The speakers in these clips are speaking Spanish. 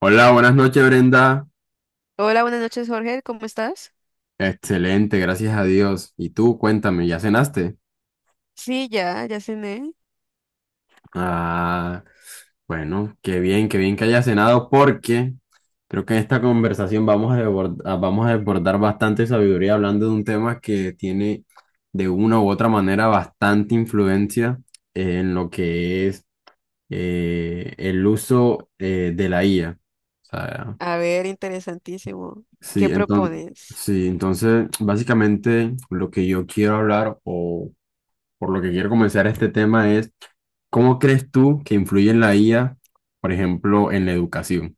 Hola, buenas noches, Brenda. Hola, buenas noches, Jorge. ¿Cómo estás? Excelente, gracias a Dios. Y tú, cuéntame, ¿ya cenaste? Sí, ya cené. Ah, bueno, qué bien que hayas cenado porque creo que en esta conversación vamos a desbordar bastante sabiduría hablando de un tema que tiene de una u otra manera bastante influencia en lo que es el uso de la IA. O sea, A ver, interesantísimo. Sí, ¿Qué entonces, propones? sí, entonces, básicamente lo que yo quiero hablar o por lo que quiero comenzar este tema es, ¿cómo crees tú que influye en la IA, por ejemplo, en la educación?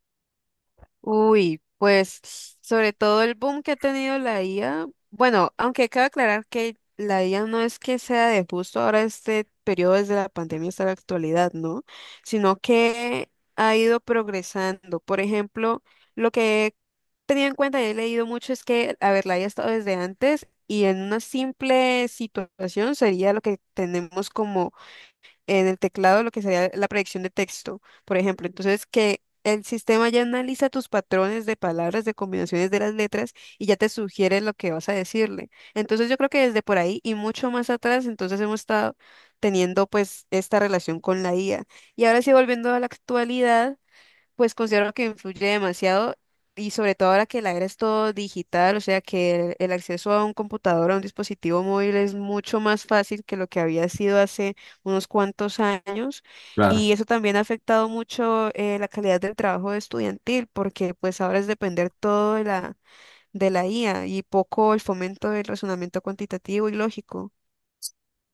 Uy, pues sobre todo el boom que ha tenido la IA, bueno, aunque cabe aclarar que la IA no es que sea de justo ahora este periodo desde la pandemia hasta la actualidad, ¿no? Sino que ha ido progresando. Por ejemplo, lo que he tenido en cuenta y he leído mucho es que, a ver, la IA ha estado desde antes y en una simple situación sería lo que tenemos como en el teclado lo que sería la predicción de texto, por ejemplo. Entonces, que el sistema ya analiza tus patrones de palabras, de combinaciones de las letras y ya te sugiere lo que vas a decirle. Entonces, yo creo que desde por ahí y mucho más atrás, entonces hemos estado teniendo pues esta relación con la IA. Y ahora sí, volviendo a la actualidad. Pues considero que influye demasiado y sobre todo ahora que la era es todo digital, o sea que el acceso a un computador, a un dispositivo móvil es mucho más fácil que lo que había sido hace unos cuantos años y Claro. eso también ha afectado mucho la calidad del trabajo estudiantil porque pues ahora es depender todo de la IA y poco el fomento del razonamiento cuantitativo y lógico.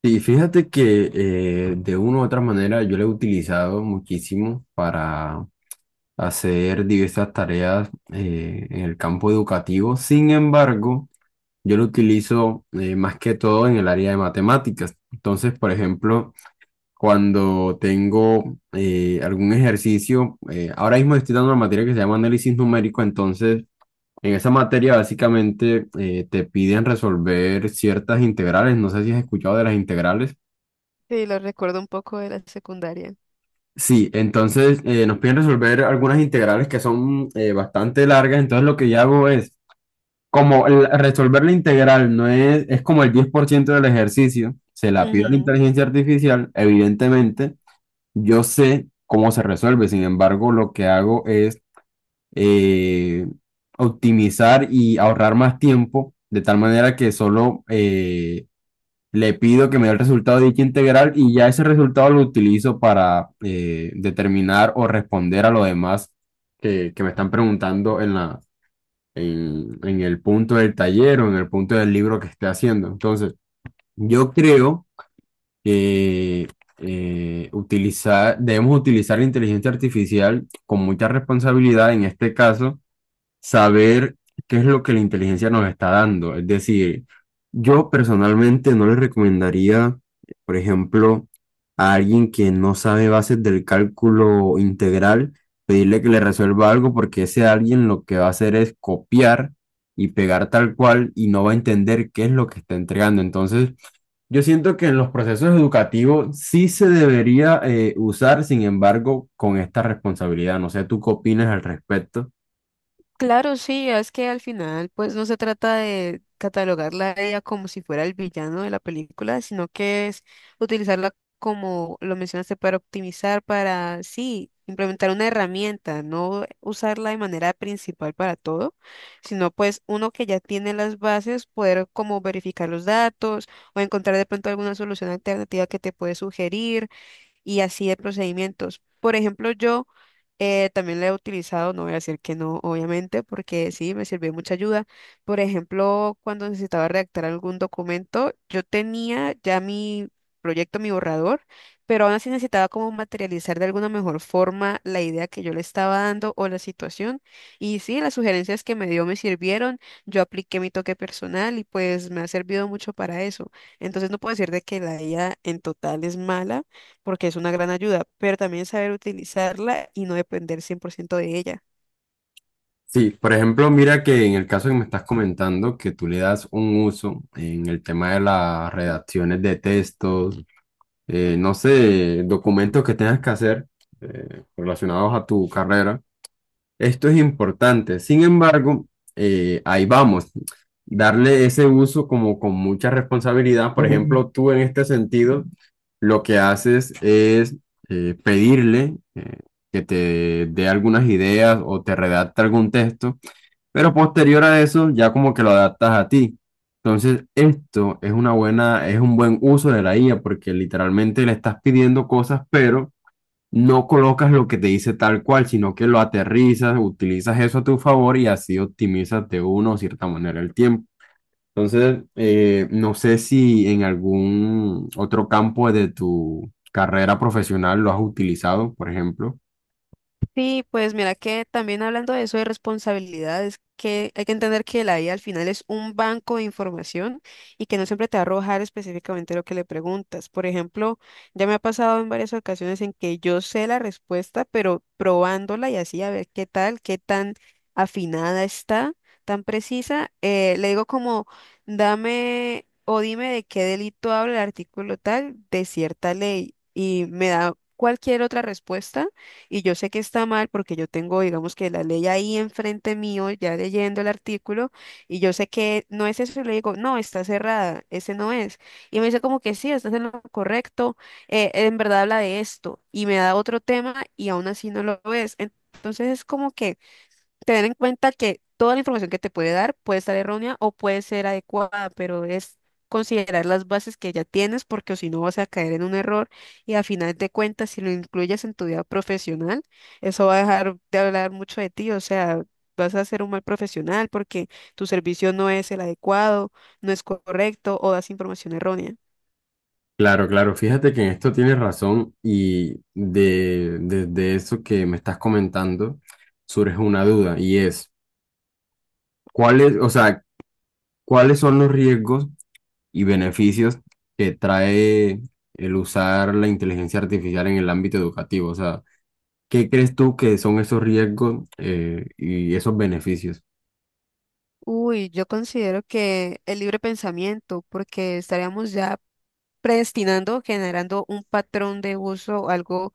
Y fíjate que de una u otra manera yo la he utilizado muchísimo para hacer diversas tareas en el campo educativo. Sin embargo, yo lo utilizo más que todo en el área de matemáticas. Entonces, por ejemplo, cuando tengo algún ejercicio. Ahora mismo estoy dando una materia que se llama análisis numérico, entonces en esa materia básicamente te piden resolver ciertas integrales. No sé si has escuchado de las integrales. Sí, lo recuerdo un poco de la secundaria. Sí, entonces nos piden resolver algunas integrales que son bastante largas. Entonces lo que yo hago es, resolver la integral no es, es como el 10% del ejercicio, se la pido a la Ujú. inteligencia artificial, evidentemente. Yo sé cómo se resuelve, sin embargo, lo que hago es eh, optimizar y ahorrar más tiempo, de tal manera que solo le pido que me dé el resultado de dicha integral y ya ese resultado lo utilizo para determinar o responder a lo demás que me están preguntando en la, en el punto del taller o en el punto del libro que esté haciendo. Entonces, yo creo que debemos utilizar la inteligencia artificial con mucha responsabilidad, en este caso, saber qué es lo que la inteligencia nos está dando. Es decir, yo personalmente no le recomendaría, por ejemplo, a alguien que no sabe bases del cálculo integral, pedirle que le resuelva algo porque ese alguien lo que va a hacer es copiar y pegar tal cual y no va a entender qué es lo que está entregando. Entonces, yo siento que en los procesos educativos sí se debería usar, sin embargo, con esta responsabilidad. No sé, ¿tú qué opinas al respecto? Claro, sí, es que al final pues no se trata de catalogarla a ella como si fuera el villano de la película, sino que es utilizarla como lo mencionaste para optimizar, para sí, implementar una herramienta, no usarla de manera principal para todo, sino pues uno que ya tiene las bases, poder como verificar los datos o encontrar de pronto alguna solución alternativa que te puede sugerir y así de procedimientos. Por ejemplo, yo también la he utilizado, no voy a decir que no, obviamente, porque sí, me sirvió mucha ayuda. Por ejemplo, cuando necesitaba redactar algún documento, yo tenía ya mi proyecto, mi borrador, pero aún así necesitaba como materializar de alguna mejor forma la idea que yo le estaba dando o la situación. Y sí, las sugerencias que me dio me sirvieron, yo apliqué mi toque personal y pues me ha servido mucho para eso. Entonces no puedo decir de que la IA en total es mala porque es una gran ayuda, pero también saber utilizarla y no depender 100% de ella. Sí, por ejemplo, mira que en el caso que me estás comentando, que tú le das un uso en el tema de las redacciones de textos, no sé, documentos que tengas que hacer relacionados a tu carrera. Esto es importante. Sin embargo, ahí vamos. Darle ese uso como con mucha responsabilidad. Por ejemplo, tú en este sentido, lo que haces es pedirle que te dé algunas ideas o te redacte algún texto, pero posterior a eso ya como que lo adaptas a ti. Entonces, esto es un buen uso de la IA porque literalmente le estás pidiendo cosas, pero no colocas lo que te dice tal cual, sino que lo aterrizas, utilizas eso a tu favor y así optimizas de una o cierta manera el tiempo. Entonces, no sé si en algún otro campo de tu carrera profesional lo has utilizado, por ejemplo. Sí, pues mira que también hablando de eso de responsabilidades, que hay que entender que la IA al final es un banco de información y que no siempre te va a arrojar específicamente lo que le preguntas. Por ejemplo, ya me ha pasado en varias ocasiones en que yo sé la respuesta, pero probándola y así a ver qué tal, qué tan afinada está, tan precisa, le digo como, dame o dime de qué delito habla el artículo tal de cierta ley y me da cualquier otra respuesta y yo sé que está mal porque yo tengo, digamos que la ley ahí enfrente mío, ya leyendo el artículo, y yo sé que no es eso, y le digo, no, está cerrada, ese no es. Y me dice como que sí, estás en lo correcto, en verdad habla de esto, y me da otro tema y aún así no lo ves. Entonces es como que tener en cuenta que toda la información que te puede dar puede estar errónea o puede ser adecuada, pero es considerar las bases que ya tienes porque o si no vas a caer en un error y al final de cuentas si lo incluyes en tu vida profesional, eso va a dejar de hablar mucho de ti, o sea, vas a ser un mal profesional porque tu servicio no es el adecuado, no es correcto o das información errónea. Claro, claro, fíjate que en esto tienes razón y desde eso que me estás comentando surge una duda y es, o sea, ¿cuáles son los riesgos y beneficios que trae el usar la inteligencia artificial en el ámbito educativo? O sea, ¿qué crees tú que son esos riesgos y esos beneficios? Uy, yo considero que el libre pensamiento, porque estaríamos ya predestinando, generando un patrón de uso, algo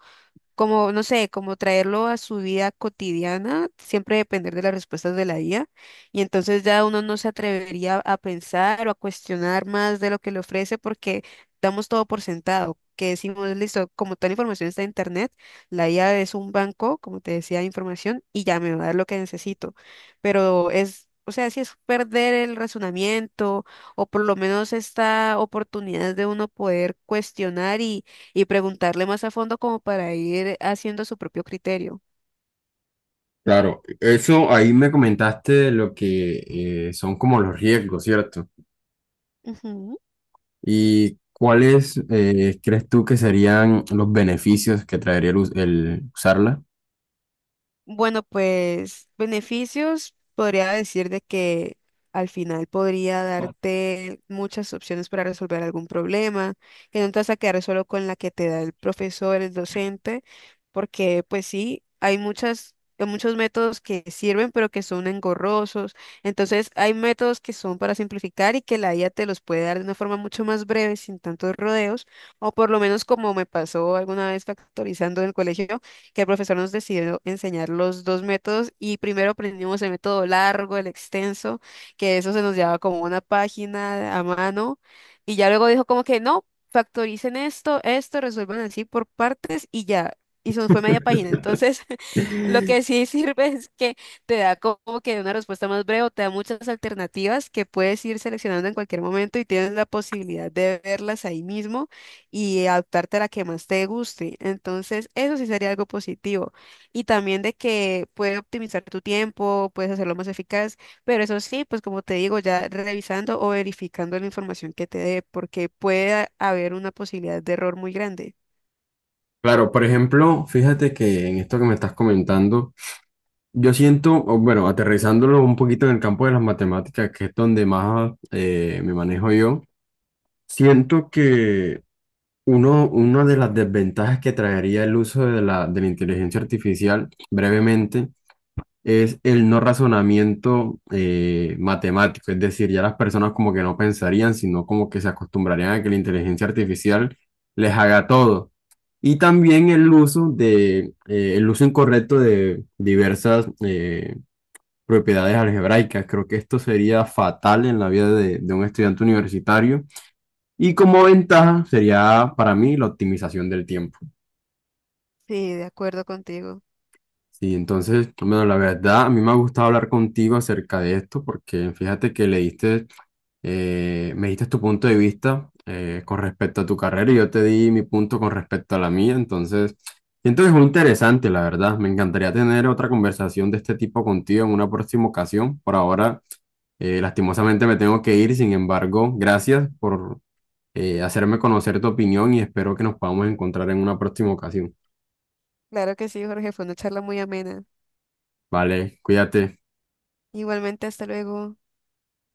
como, no sé, como traerlo a su vida cotidiana, siempre depender de las respuestas de la IA. Y entonces ya uno no se atrevería a pensar o a cuestionar más de lo que le ofrece porque damos todo por sentado, que decimos, listo, como tal información está en internet, la IA es un banco, como te decía, de información y ya me va a dar lo que necesito. Pero es... O sea, si es perder el razonamiento o por lo menos esta oportunidad de uno poder cuestionar y preguntarle más a fondo como para ir haciendo su propio criterio. Claro, eso ahí me comentaste lo que son como los riesgos, ¿cierto? Ujú. ¿Y cuáles crees tú que serían los beneficios que traería el usarla? Bueno, pues beneficios, podría decir de que al final podría darte muchas opciones para resolver algún problema, que no te vas a quedar solo con la que te da el profesor, el docente, porque pues sí, hay muchas, hay muchos métodos que sirven, pero que son engorrosos. Entonces, hay métodos que son para simplificar y que la IA te los puede dar de una forma mucho más breve, sin tantos rodeos, o por lo menos como me pasó alguna vez factorizando en el colegio que el profesor nos decidió enseñar los dos métodos y primero aprendimos el método largo, el extenso, que eso se nos llevaba como una página a mano y ya luego dijo como que no, factoricen esto, esto, resuelvan así por partes y ya. Y se nos fue media página. Entonces, lo que sí sirve es que te da como que una respuesta más breve, o te da muchas alternativas que puedes ir seleccionando en cualquier momento y tienes la posibilidad de verlas ahí mismo y adaptarte a la que más te guste. Entonces, eso sí sería algo positivo. Y también de que puedes optimizar tu tiempo, puedes hacerlo más eficaz, pero eso sí, pues como te digo, ya revisando o verificando la información que te dé, porque puede haber una posibilidad de error muy grande. Claro, por ejemplo, fíjate que en esto que me estás comentando. Yo siento, o bueno, aterrizándolo un poquito en el campo de las matemáticas, que es donde más me manejo yo, siento que una de las desventajas que traería el uso de la inteligencia artificial, brevemente, es el no razonamiento matemático. Es decir, ya las personas como que no pensarían, sino como que se acostumbrarían a que la inteligencia artificial les haga todo. Y también el uso incorrecto de diversas, propiedades algebraicas. Creo que esto sería fatal en la vida de un estudiante universitario y como ventaja sería para mí la optimización del tiempo. Sí, de acuerdo contigo. Y entonces, bueno, la verdad, a mí me ha gustado hablar contigo acerca de esto porque fíjate que le diste me diste tu punto de vista con respecto a tu carrera y yo te di mi punto con respecto a la mía. Entonces, siento que es muy interesante, la verdad. Me encantaría tener otra conversación de este tipo contigo en una próxima ocasión. Por ahora, lastimosamente me tengo que ir. Sin embargo, gracias por hacerme conocer tu opinión y espero que nos podamos encontrar en una próxima ocasión. Claro que sí, Jorge, fue una charla muy amena. Vale, cuídate. Igualmente, hasta luego.